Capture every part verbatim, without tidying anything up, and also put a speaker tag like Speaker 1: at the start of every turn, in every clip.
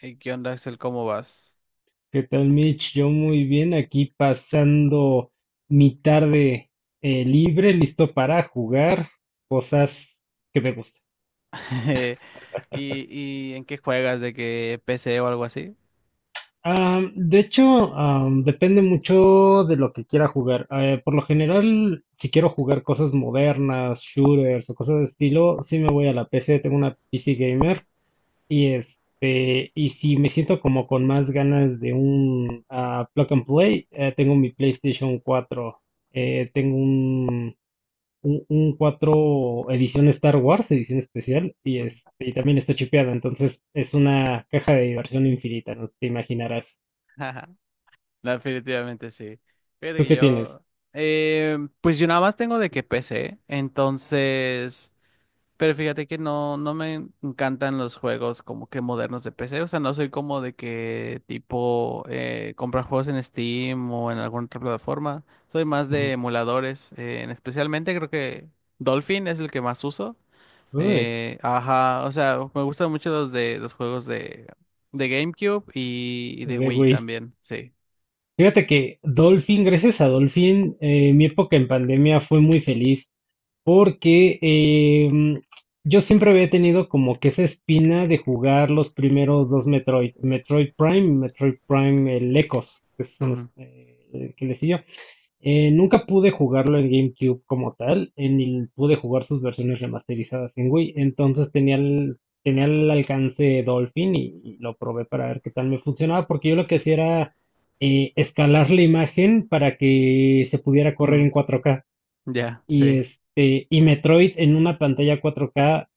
Speaker 1: Hey, ¿qué onda, Axel? ¿Cómo vas?
Speaker 2: ¿Qué tal, Mitch? Yo muy bien, aquí pasando mi tarde eh, libre, listo para jugar cosas que me gustan.
Speaker 1: ¿Y, y en qué juegas? ¿De qué p c o algo así?
Speaker 2: Am, de hecho, am, depende mucho de lo que quiera jugar. Eh, por lo general, si quiero jugar cosas modernas, shooters o cosas de estilo, sí me voy a la P C, tengo una P C gamer y este, y si me siento como con más ganas de un ah, plug and play, eh, tengo mi PlayStation cuatro.
Speaker 1: Mm,
Speaker 2: Eh, tengo un un, un cuatro edición Star Wars, edición especial, y,
Speaker 1: mm.
Speaker 2: este, y también está chipeada, entonces es una caja de diversión infinita, no te imaginarás.
Speaker 1: No, definitivamente sí. Fíjate
Speaker 2: ¿Tú
Speaker 1: que
Speaker 2: qué tienes?
Speaker 1: yo, eh, pues yo nada más tengo de que p c, entonces, pero fíjate que no, no me encantan los juegos como que modernos de p c, o sea, no soy como de que tipo eh, comprar juegos en Steam o en alguna otra plataforma, soy más de
Speaker 2: Ujú.
Speaker 1: emuladores, eh, especialmente creo que Dolphin es el que más uso.
Speaker 2: Uy,
Speaker 1: Eh, ajá, o sea, me gustan mucho los de los juegos de, de GameCube y, y de
Speaker 2: de
Speaker 1: Wii
Speaker 2: Wii.
Speaker 1: también, sí.
Speaker 2: Fíjate que Dolphin, gracias a Dolphin, eh, mi época en pandemia fue muy feliz porque em, yo siempre había tenido como que esa espina de jugar los primeros dos Metroid, Metroid Prime y Metroid Prime el Echoes, que son los
Speaker 1: Ujú,
Speaker 2: eh, que le siguió. Eh, nunca pude jugarlo en GameCube como tal, eh, ni pude jugar sus versiones remasterizadas en Wii. Entonces tenía el, tenía el alcance Dolphin y, y lo probé para ver qué tal me funcionaba, porque yo lo que hacía era eh, escalar la imagen para que se pudiera correr en
Speaker 1: mm,
Speaker 2: cuatro K.
Speaker 1: ya,
Speaker 2: Y
Speaker 1: sí.
Speaker 2: este, y Metroid en una pantalla cuatro K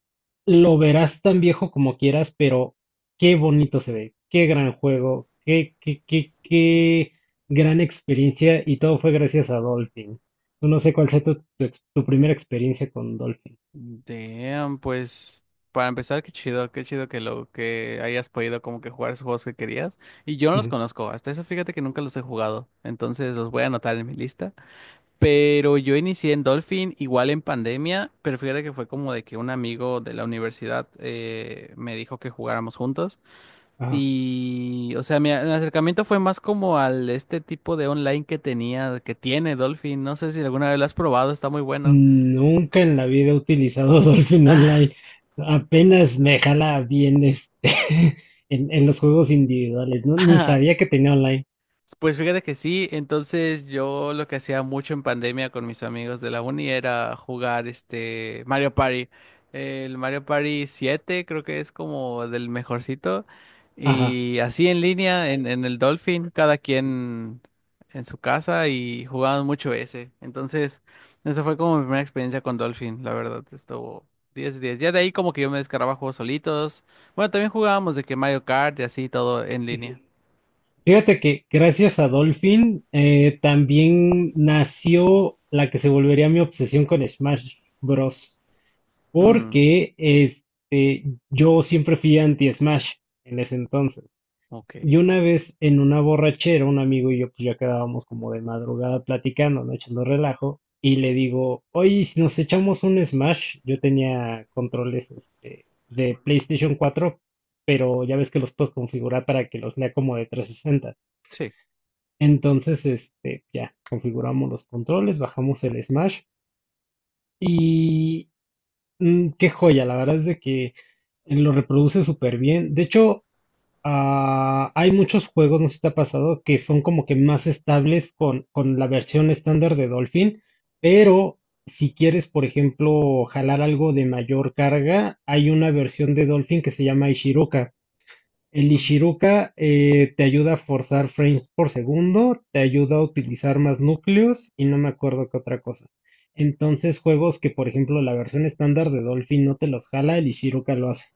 Speaker 2: lo verás tan viejo como quieras, pero qué bonito se ve, qué gran juego, qué, qué, qué, qué gran experiencia y todo fue gracias a Dolphin. No sé cuál sea tu, tu ex- tu primera experiencia con Dolphin.
Speaker 1: Damn, pues para empezar, qué chido, qué chido que lo que hayas podido como que jugar esos juegos que querías. Y yo no los
Speaker 2: Ujú,
Speaker 1: conozco, hasta eso fíjate que nunca los he jugado, entonces los voy a anotar en mi lista. Pero yo inicié en Dolphin igual en pandemia, pero fíjate que fue como de que un amigo de la universidad eh, me dijo que jugáramos juntos.
Speaker 2: ajá.
Speaker 1: Y, o sea, mi a- acercamiento fue más como al este tipo de online que tenía, que tiene Dolphin. No sé si alguna vez lo has probado, está muy bueno.
Speaker 2: Nunca en la vida he utilizado Dolphin Online. Apenas me jala bien este en, en los juegos individuales, ¿no? Ni sabía que tenía online.
Speaker 1: Pues fíjate que sí, entonces yo lo que hacía mucho en pandemia con mis amigos de la uni era jugar este Mario Party. El Mario Party siete creo que es como del mejorcito.
Speaker 2: Ajá.
Speaker 1: Y así en línea, en, en, el Dolphin, cada quien en su casa y jugaban mucho ese. Entonces, esa fue como mi primera experiencia con Dolphin, la verdad, estuvo diez 10. Ya de ahí como que yo me descargaba juegos solitos. Bueno, también jugábamos de que Mario Kart y así todo en línea.
Speaker 2: Fíjate que gracias a Dolphin eh, también nació la que se volvería mi obsesión con Smash Bros.
Speaker 1: Mm,
Speaker 2: Porque este, yo siempre fui anti-Smash en ese entonces. Y
Speaker 1: ok.
Speaker 2: una vez en una borrachera, un amigo y yo pues ya quedábamos como de madrugada platicando, ¿no? Echando relajo. Y le digo, oye, ¿y si nos echamos un Smash? Yo tenía controles este, de PlayStation cuatro, pero ya ves que los puedes configurar para que los lea como de trescientos sesenta.
Speaker 1: Sí.
Speaker 2: Entonces, este, ya, configuramos los controles, bajamos el Smash y mm, qué joya, la verdad es de que lo reproduce súper bien. De hecho, ah, hay muchos juegos, no sé si te ha pasado, que son como que más estables con, con la versión estándar de Dolphin, pero si quieres, por ejemplo, jalar algo de mayor carga, hay una versión de Dolphin que se llama Ishiroka. El
Speaker 1: Ujú.
Speaker 2: Ishiruka eh, te ayuda a forzar frames por segundo, te ayuda a utilizar más núcleos y no me acuerdo qué otra cosa. Entonces, juegos que, por ejemplo, la versión estándar de Dolphin no te los jala, el Ishiruka lo hace.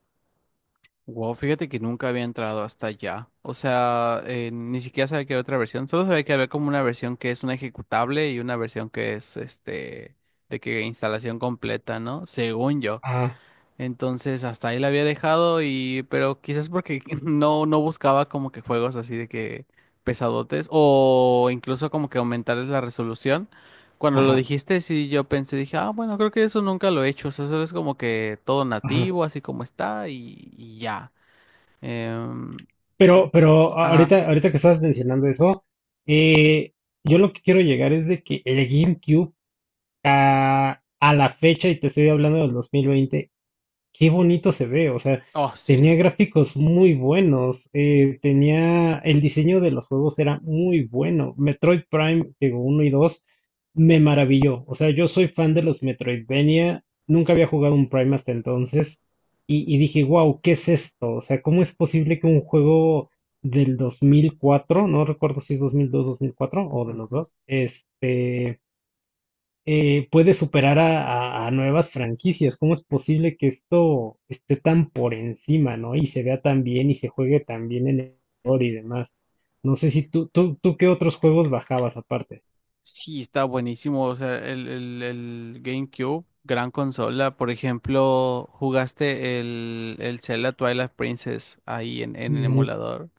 Speaker 1: Wow, fíjate que nunca había entrado hasta allá. O sea, eh, ni siquiera sabía que había otra versión. Solo sabía que había como una versión que es una ejecutable y una versión que es este de que instalación completa, ¿no? Según yo.
Speaker 2: Ajá,
Speaker 1: Entonces hasta ahí la había dejado, y pero quizás porque no no buscaba como que juegos así de que pesadotes o incluso como que aumentarles la resolución. Cuando lo
Speaker 2: ajá,
Speaker 1: dijiste, sí yo pensé, dije, ah, bueno, creo que eso nunca lo he hecho, o sea, eso es como que todo
Speaker 2: ajá.
Speaker 1: nativo, así como está y, y ya. Em, y-
Speaker 2: Pero, pero
Speaker 1: ajá.
Speaker 2: ahorita, ahorita que estabas mencionando eso, eh, yo lo que quiero llegar es de que el GameCube a, a la fecha, y te estoy hablando del dos mil veinte, qué bonito se ve, o sea,
Speaker 1: Oh, sí.
Speaker 2: tenía gráficos muy buenos, eh, tenía, el diseño de los juegos era muy bueno. Metroid Prime, digo, uno y dos, me maravilló. O sea, yo soy fan de los Metroidvania, nunca había jugado un Prime hasta entonces, y, y dije, wow, ¿qué es esto? O sea, ¿cómo es posible que un juego del dos mil cuatro, no recuerdo si es dos mil dos, dos mil mil cuatro o de los
Speaker 1: Ujú.
Speaker 2: dos, este eh, puede superar a, a- a nuevas franquicias? ¿Cómo es posible que esto esté tan por encima, ¿no? Y se vea tan bien y se juegue tan bien en el ordenador y demás. No sé si tú, tú, tú qué otros juegos bajabas aparte.
Speaker 1: Sí, está buenísimo. O sea, el, el, el GameCube, gran consola. Por ejemplo, ¿jugaste el, el Zelda Twilight Princess ahí en, en el
Speaker 2: Nun-
Speaker 1: emulador?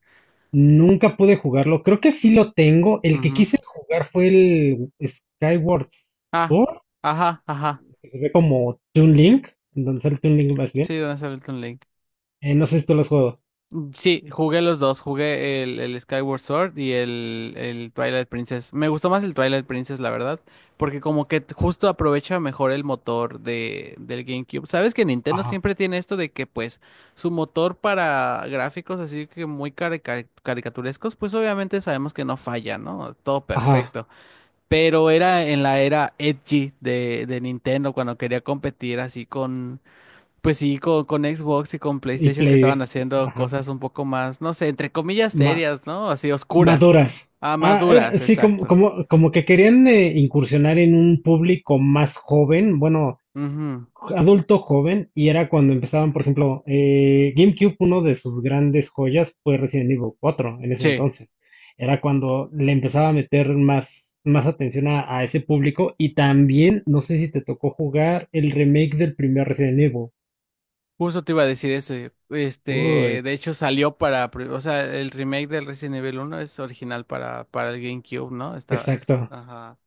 Speaker 2: nunca pude jugarlo. Creo que sí lo tengo. El que
Speaker 1: Ujú.
Speaker 2: quise jugar fue el Skyward
Speaker 1: Ah,
Speaker 2: Sword,
Speaker 1: ajá, ajá.
Speaker 2: que se ve como Toon Link, entonces el Toon Link más bien.
Speaker 1: Sí, donde sale el Toon Link.
Speaker 2: Eh, no sé si tú lo has jugado.
Speaker 1: Sí, jugué los dos, jugué el, el Skyward Sword y el, el Twilight Princess. Me gustó más el Twilight Princess, la verdad, porque como que t- justo aprovecha mejor el motor de, del GameCube. Sabes que Nintendo
Speaker 2: Ajá.
Speaker 1: siempre tiene esto de que pues su motor para gráficos así que muy cari- cari- caricaturescos, pues obviamente sabemos que no falla, ¿no? Todo
Speaker 2: Ajá.
Speaker 1: perfecto. Pero era en la era edgy de, de Nintendo cuando quería competir así pues sí, con, con, Xbox y con
Speaker 2: Y
Speaker 1: PlayStation que estaban
Speaker 2: Play.
Speaker 1: haciendo
Speaker 2: Ajá.
Speaker 1: cosas un poco más, no sé, entre comillas
Speaker 2: Ma-
Speaker 1: serias, ¿no? Así oscuras.
Speaker 2: Maduras.
Speaker 1: Ah,
Speaker 2: Ah, era-
Speaker 1: maduras,
Speaker 2: sí, como,
Speaker 1: exacto.
Speaker 2: como, como que querían eh, incursionar en un público más joven, bueno,
Speaker 1: Ujú.
Speaker 2: adulto joven, y era cuando empezaban, por ejemplo, eh, GameCube, uno de sus grandes joyas fue Resident Evil cuatro en ese
Speaker 1: Sí,
Speaker 2: entonces. Era cuando le empezaba a meter más, más atención a, a ese público, y también, no sé si te tocó jugar el remake del primer Resident Evil.
Speaker 1: justo te iba a decir eso. Este,
Speaker 2: Uy,
Speaker 1: de hecho salió para, pri- o sea, el remake del Resident Evil uno es original para, para el GameCube, ¿no? Estaba, es,
Speaker 2: exacto.
Speaker 1: ajá.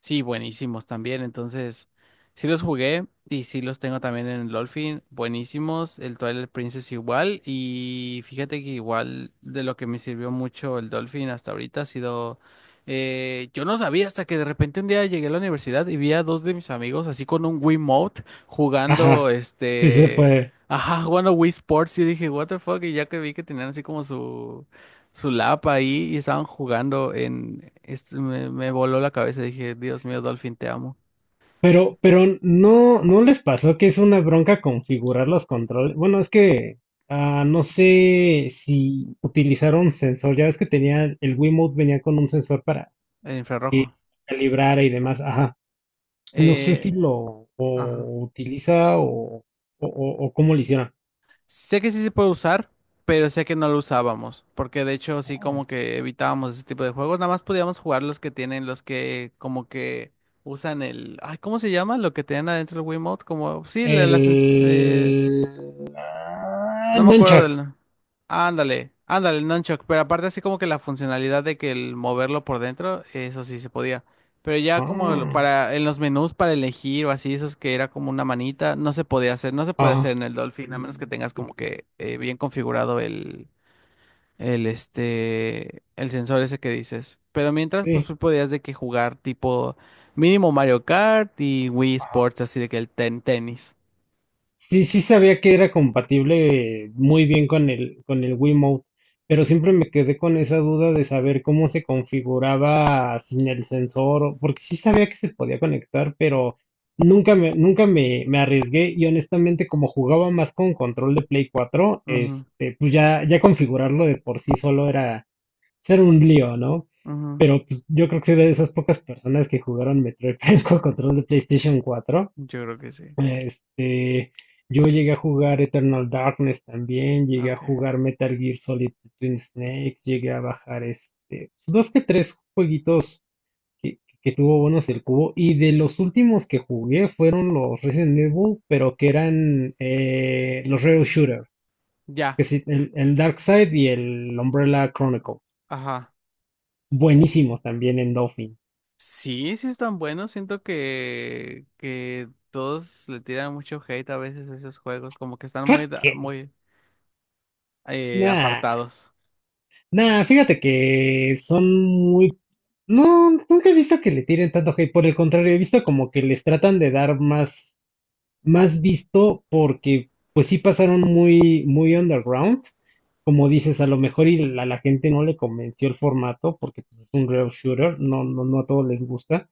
Speaker 1: Sí, buenísimos también. Entonces, sí los jugué y sí los tengo también en el Dolphin. Buenísimos. El Twilight Princess igual. Y fíjate que igual de lo que me sirvió mucho el Dolphin hasta ahorita ha sido... eh, yo no sabía hasta que de repente un día llegué a la universidad y vi a dos de mis amigos así con un Wiimote jugando
Speaker 2: Ajá, sí se
Speaker 1: este...
Speaker 2: puede.
Speaker 1: Ajá, jugando Wii Sports. Y dije, what the fuck. Y ya que vi que tenían así como su su lap ahí y estaban jugando en... Esto me, me voló la cabeza, dije, Dios mío, Dolphin, te amo.
Speaker 2: Pero, pero no, ¿no les pasó que es una bronca configurar los controles? Bueno, es que ah, no sé si utilizaron sensor. Ya ves que tenía el Wiimote venía con un sensor para
Speaker 1: El
Speaker 2: que
Speaker 1: infrarrojo.
Speaker 2: calibrara y demás. Ajá. No sé si
Speaker 1: Eh,
Speaker 2: lo
Speaker 1: ajá.
Speaker 2: o utiliza o, o, o- o cómo lo hicieron.
Speaker 1: Sé que sí se puede usar, pero sé que no lo usábamos, porque de hecho sí
Speaker 2: Ah,
Speaker 1: como que evitábamos ese tipo de juegos, nada más podíamos jugar los que tienen, los que como que usan el... Ay, ¿cómo se llama? Lo que tienen adentro el Wiimote, como... Sí, la, la sens- eh,
Speaker 2: el ah,
Speaker 1: no me acuerdo
Speaker 2: nunchuck.
Speaker 1: del... Ándale, ándale, el nunchuck, pero aparte así como que la funcionalidad de que el moverlo por dentro, eso sí se podía. Pero ya como el-
Speaker 2: Ah,
Speaker 1: para en los menús para elegir o así, esos que era como una manita, no se podía hacer, no se puede hacer
Speaker 2: ah,
Speaker 1: en el Dolphin, a menos que tengas como que eh, bien configurado el, el este, el sensor ese que dices. Pero mientras, pues
Speaker 2: sí.
Speaker 1: tú podías de que jugar tipo mínimo Mario Kart y Wii Sports, así de que el ten tenis.
Speaker 2: Sí, sí sabía que era compatible eh, muy bien con el, con el Wiimote, pero siempre me quedé con esa duda de saber cómo se configuraba sin el sensor, o- porque sí sabía que se podía conectar, pero nunca me, nunca me, me arriesgué y honestamente como jugaba más con control de Play cuatro,
Speaker 1: Ujú,
Speaker 2: este, pues ya, ya configurarlo de por sí solo era era un lío, ¿no?
Speaker 1: ujú,
Speaker 2: Pero pues, yo creo que soy de esas pocas personas que jugaron Metroid Prime con control de PlayStation cuatro.
Speaker 1: yo creo que sí.
Speaker 2: Este, yo llegué a jugar Eternal Darkness también, llegué a
Speaker 1: Ok.
Speaker 2: jugar Metal Gear Solid Twin Snakes, llegué a bajar este, dos que tres jueguitos que, que tuvo buenos el cubo. Y de los últimos que jugué fueron los Resident Evil, pero que eran eh, los Rail Shooter, que
Speaker 1: Ya,
Speaker 2: sí, el, el Darkseid y el Umbrella Chronicles.
Speaker 1: ajá. Oh.
Speaker 2: Buenísimos también en Dolphin.
Speaker 1: Sí, sí están buenos. Siento que, que, todos le tiran mucho hate a veces a esos juegos, como que están muy, da-
Speaker 2: Kraken.
Speaker 1: muy eh,
Speaker 2: Nah.
Speaker 1: apartados.
Speaker 2: Nah, fíjate que son muy... No, nunca he visto que le tiren tanto hate, por el contrario, he visto como que les tratan de dar más más visto porque pues sí pasaron muy, muy underground. Como dices, a lo mejor y la, la gente no le convenció el formato porque pues, es un real shooter, no, no, no a todos les gusta.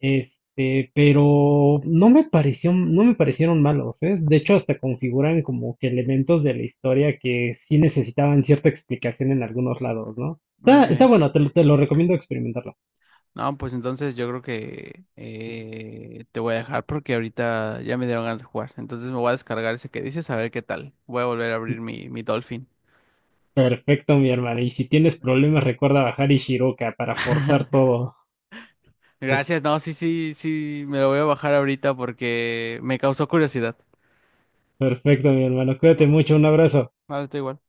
Speaker 2: Este, pero no me pareció, no me parecieron malos, ¿eh? De hecho, hasta configuran como que elementos de la historia que sí necesitaban cierta explicación en algunos lados, ¿no? Está, está
Speaker 1: Okay.
Speaker 2: bueno, te, lo- te lo recomiendo experimentarlo.
Speaker 1: No, pues entonces yo creo que eh, te voy a dejar porque ahorita ya me dieron ganas de jugar. Entonces me voy a descargar ese que dices a ver qué tal. Voy a volver a abrir mi, mi Dolphin.
Speaker 2: Perfecto, mi hermano. Y si tienes problemas, recuerda bajar Ishiroka para forzar todo.
Speaker 1: Gracias, no, sí, sí, sí, me lo voy a bajar ahorita porque me causó curiosidad.
Speaker 2: Perfecto, mi hermano. Cuídate
Speaker 1: Ujú.
Speaker 2: mucho. Un abrazo.
Speaker 1: Vale, está igual.